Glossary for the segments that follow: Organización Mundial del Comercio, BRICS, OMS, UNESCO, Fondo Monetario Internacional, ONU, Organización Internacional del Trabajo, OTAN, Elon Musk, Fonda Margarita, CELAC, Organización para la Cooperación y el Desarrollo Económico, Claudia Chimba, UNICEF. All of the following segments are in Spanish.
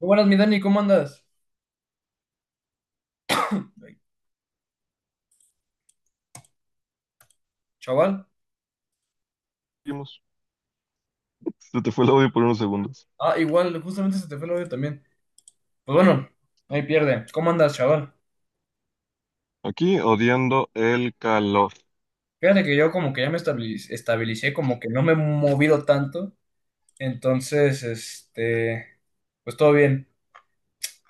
Muy buenas, mi Dani, ¿cómo andas? Chaval. Seguimos. Se te fue el audio por unos segundos. Ah, igual, justamente se te fue el audio también. Pues bueno, ahí pierde. ¿Cómo andas, chaval? Aquí odiando el calor. Fíjate que yo como que ya estabilicé, como que no me he movido tanto. Entonces, pues todo bien.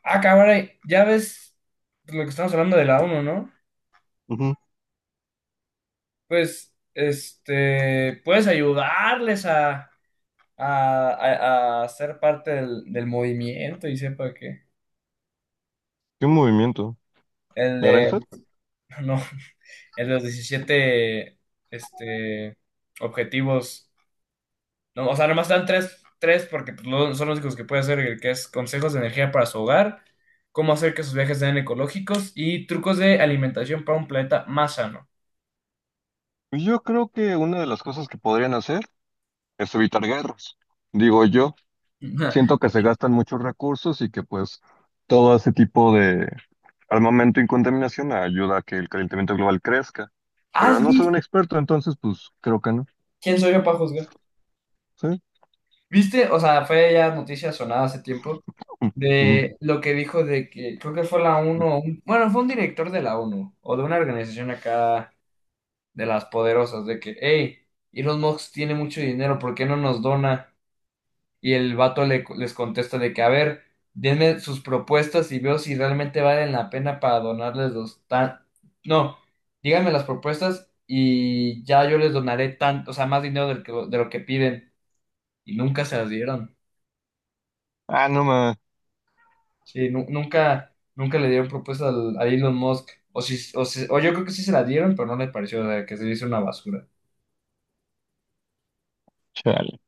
Ah, cabrón, ya ves lo que estamos hablando de la ONU, ¿no? Ujú. Pues, puedes ayudarles a ser parte del movimiento y sepa que ¿Qué movimiento? el de, ¿Naranja? no. En los 17 este, objetivos. No, o sea, nomás dan tres porque pues, son los únicos que puede hacer, el que es consejos de energía para su hogar, cómo hacer que sus viajes sean ecológicos y trucos de alimentación para un planeta más sano. Pues yo creo que una de las cosas que podrían hacer es evitar guerras. Digo yo, siento que se gastan muchos recursos y que pues todo ese tipo de armamento y contaminación ayuda a que el calentamiento global crezca. Pero ¿Has no soy un visto? experto, entonces pues creo que no. ¿Quién soy yo para juzgar? ¿Sí? ¿Viste? O sea, fue ya noticia sonada hace tiempo Ujú. de lo que dijo de que creo que fue la ONU, bueno, fue un director de la ONU o de una organización acá de las poderosas, de que, hey, Elon Musk tiene mucho dinero, ¿por qué no nos dona? Y el vato les contesta de que, a ver, denme sus propuestas y veo si realmente valen la pena para donarles los tan... No, díganme las propuestas y ya yo les donaré tanto, o sea, más dinero de lo que piden. Y nunca se las dieron. Ah, no ma. Sí, nunca, nunca le dieron propuestas a Elon Musk. O, si, o, si- O yo creo que sí se la dieron, pero no le pareció, o sea, que se hizo una basura. Chale.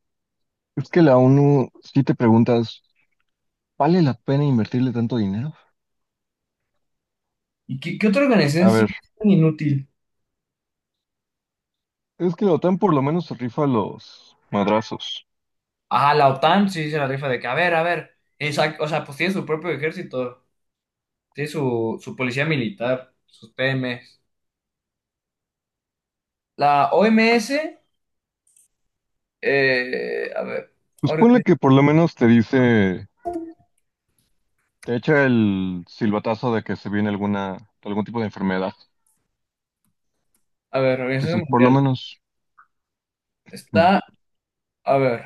Es que la ONU, si te preguntas, ¿vale la pena invertirle tanto dinero? ¿Y qué otra organización A es ver, tan inútil? es que la OTAN por lo menos se rifa los madrazos. Ajá, la OTAN sí se la rifa de que, a ver, exacto, o sea, pues tiene su propio ejército, tiene su policía militar, sus PMs. La OMS, a ver, Pues ponle orga- que por lo menos te dice, te echa el silbatazo de que se viene alguna, algún tipo de enfermedad. a ver, Organización Entonces, por lo Mundial, menos. Mm. está, a ver,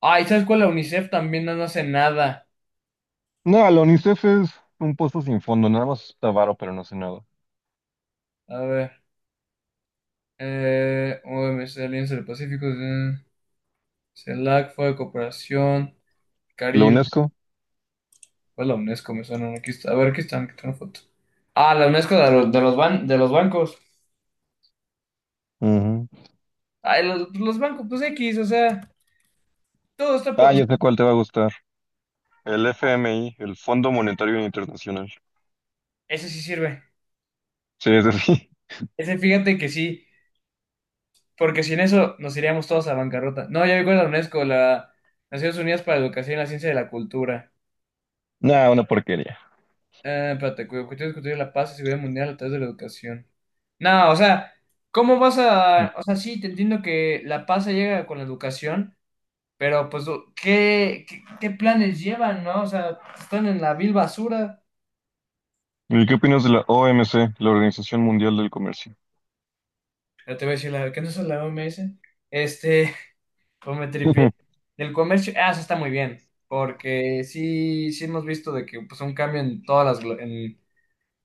ay, ¿sabes cuál? La UNICEF también no, no hace nada, No, la UNICEF es un pozo sin fondo, nada más está varo, pero no hace nada. a ver, OMS, Alianza del Pacífico, CELAC, Fue de Cooperación, La Caribe, UNESCO. pues la UNESCO me suena, aquí está, a ver, aquí están, aquí tengo foto. Ah, la UNESCO de los bancos. Ujú. Ay, los, pues, los bancos, pues X, o sea, todo está... Ah, o sea, ya sé cuál te va a gustar. El FMI, el Fondo Monetario Internacional. ese sí sirve. Sí, es así. Ese fíjate que sí, porque sin eso nos iríamos todos a bancarrota. No, ya me acuerdo de la UNESCO, la Naciones Unidas para la Educación y la Ciencia de la Cultura. Nah, una porquería. Espérate, cuyo objetivo es discutir la paz y seguridad mundial a través de la educación. No, o sea, ¿cómo vas a...? O sea, sí, te entiendo que la paz se llega con la educación, pero pues, ¿qué planes llevan, no? O sea, están en la vil basura. ¿Y qué opinas de la OMC, la Organización Mundial del Comercio? Ya te voy a decir, la, ¿qué no es la OMS? Este... Pues me tripié. Del comercio, ah, eso está muy bien, porque sí, sí hemos visto de que pues un cambio en todas las,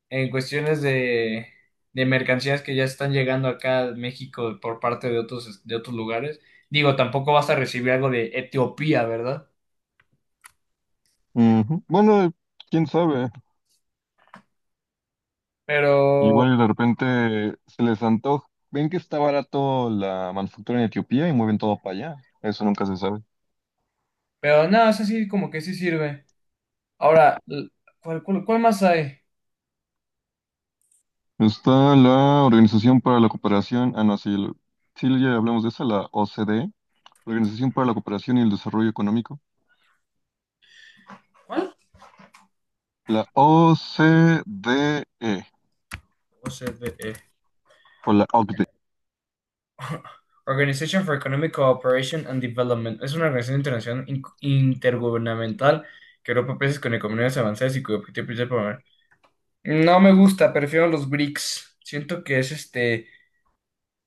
en cuestiones de mercancías que ya están llegando acá a México por parte de otros lugares. Digo, tampoco vas a recibir algo de Etiopía, ¿verdad? Ujú. Bueno, quién sabe. Pero, Igual y de repente se les antoja. Ven que está barato la manufactura en Etiopía y mueven todo para allá. Eso nunca se sabe. pero no, eso sí, como que sí sirve. Ahora, ¿cuál más hay? Está la Organización para la Cooperación. Ah, no, sí, sí ya hablamos de esa, la OCDE. La Organización para la Cooperación y el Desarrollo Económico. ¿Cuál? La OCDE, O sea, o la OCDE. Organization for Economic Cooperation and Development es una organización internacional intergubernamental que agrupa países con economías avanzadas y cuyo objetivo principal es promover... No me gusta, prefiero los BRICS. Siento que es este,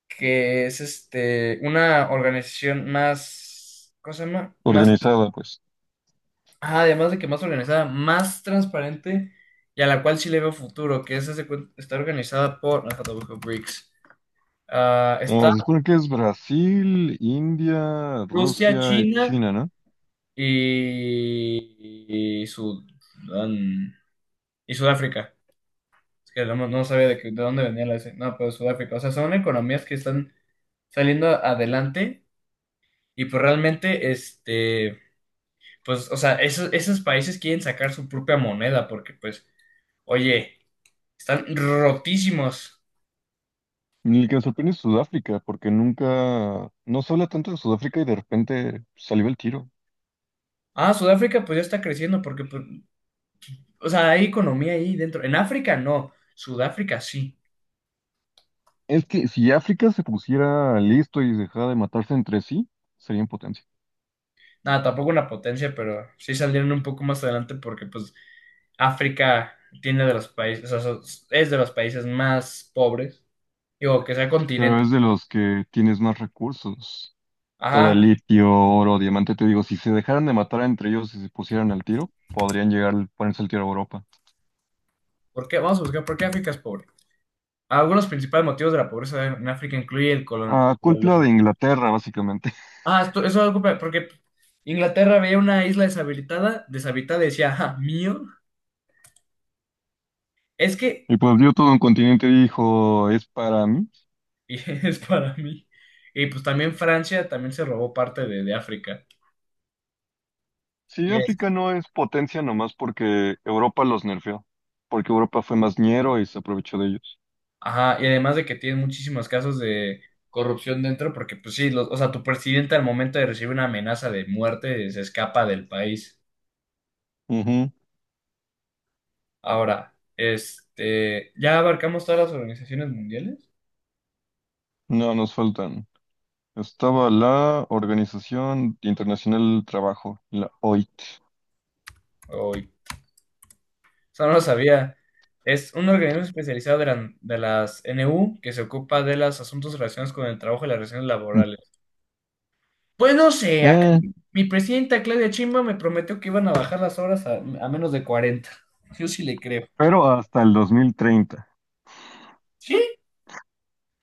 una organización más, ¿cómo se llama? Más, Organizada, pues. ajá, además de que más organizada, más transparente y a la cual sí le veo futuro, que es, está organizada por, ajá, te busco, BRICS. Ah, Ah, está se supone que es Brasil, India, Rusia, Rusia y China. China, ¿no? Y Sudán y Sudáfrica. Es que no, no sabía de, de dónde venía la S. No, pero Sudáfrica. O sea, son economías que están saliendo adelante y pues realmente, pues, o sea, esos países quieren sacar su propia moneda porque pues, oye, están rotísimos. El que me sorprende es Sudáfrica, porque nunca, no se habla tanto de Sudáfrica y de repente salió el tiro. Ah, Sudáfrica pues ya está creciendo porque, pues, o sea, hay economía ahí dentro. En África no, Sudáfrica sí. Es que si África se pusiera listo y dejara de matarse entre sí, sería en potencia. Nada, tampoco una potencia, pero sí salieron un poco más adelante porque pues África tiene de los países, es de los países más pobres, digo, que sea Pero es continente. de los que tienes más recursos. Todo el Ajá, litio, oro, diamante, te digo, si se dejaran de matar entre ellos y se pusieran al tiro, podrían llegar a ponerse el tiro a Europa. ¿por qué? Vamos a buscar, ¿por qué África es pobre? Algunos principales motivos de la pobreza en África incluye el Ah, culpa de Inglaterra, básicamente. Ah, eso es algo porque Inglaterra veía una isla deshabitada, deshabitada y decía, ah, mío, es que Y pues vio todo un continente y dijo, es para mí. y es para mí. Y pues también Francia también se robó parte de África. Sí, África no es potencia nomás porque Europa los nerfeó, porque Europa fue más ñero y se aprovechó de ellos. Ajá, y además de que tienen muchísimos casos de corrupción dentro, porque pues sí, o sea, tu presidente al momento de recibir una amenaza de muerte se escapa del país. Ujú. Ahora, ¿ya abarcamos todas las organizaciones mundiales? No, nos faltan. Estaba la Organización Internacional del Trabajo, la OIT. Hoy, o sea, no lo sabía. Es un organismo especializado de, de las NU que se ocupa de los asuntos relacionados con el trabajo y las relaciones laborales. Pues no sé, acá Eh, mi presidenta Claudia Chimba me prometió que iban a bajar las horas a menos de 40. Yo sí le creo. pero hasta el 2030. ¿Sí?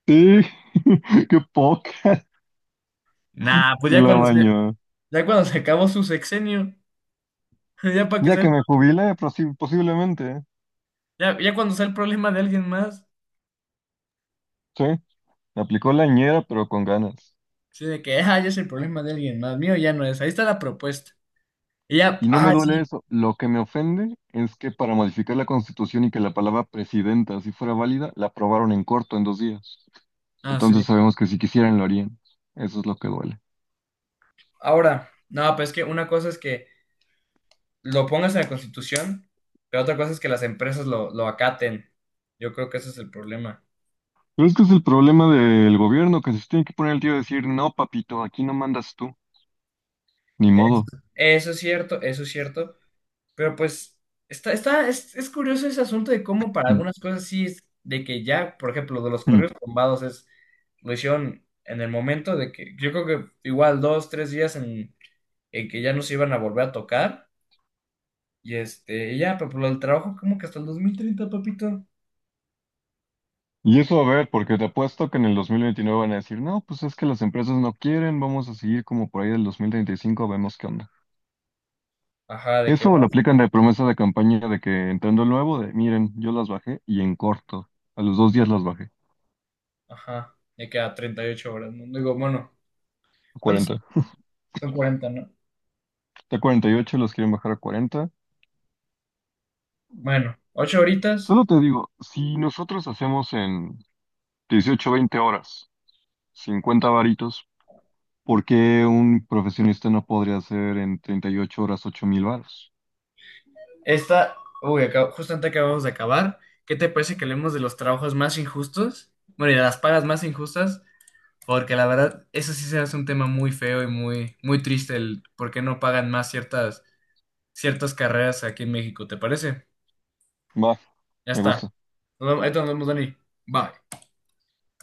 Sí, qué poca. Nah, Se la bañó. ya cuando se acabó su sexenio, ya para que Ya sea, el- que me jubile, posiblemente. ¿Eh? ya, ya cuando sea el problema de alguien más, Sí, me aplicó la ñera, pero con ganas. sí, de que, ah, ya es el problema de alguien más, mío ya no es, ahí está la propuesta. Y ya, Y no me ah, duele sí, eso. Lo que me ofende es que para modificar la Constitución y que la palabra presidenta, así fuera válida, la aprobaron en corto, en dos días. ah, sí. Entonces sabemos que si quisieran lo harían. Eso es lo que duele. Ahora, no, pues es que una cosa es que lo pongas en la Constitución, pero otra cosa es que las empresas lo acaten. Yo creo que ese es el problema. Pero es que es el problema del gobierno, que se tiene que poner el tío a decir, no, papito, aquí no mandas tú. Ni Es- modo. Eso es cierto, pero pues es curioso ese asunto de cómo para Mm, algunas cosas sí es de que ya, por ejemplo, de los mm. correos tumbados es, lo hicieron en el momento de que, yo creo que igual dos, tres días en que ya no se iban a volver a tocar, y y ya, pero por el trabajo como que hasta el 2030 papito. Y eso a ver, porque te apuesto que en el 2029 van a decir, no, pues es que las empresas no quieren, vamos a seguir como por ahí del 2035, vemos qué onda. Ajá, de que Eso va, me lo aplican de promesa de campaña de que entrando nuevo, de miren, yo las bajé y en corto. A los dos días las bajé. ajá, ya queda 38 horas, ¿no? Digo, bueno, A ¿cuántos 40. son 40 no? De 48 los quieren bajar a 40. Bueno, 8 horitas, Solo te digo, si nosotros hacemos en 18, 20 horas, 50 varitos, ¿por qué un profesionista no podría hacer en 38 horas 8 mil varos? esta, uy, justamente acabamos de acabar. ¿Qué te parece que hablemos de los trabajos más injustos? Bueno, y de las pagas más injustas, porque la verdad, eso sí se hace un tema muy feo y muy triste, el por qué no pagan más ciertas, ciertas carreras aquí en México, ¿te parece? Va, Ya me está. gusta. Ahí te nos vemos, Dani. Bye.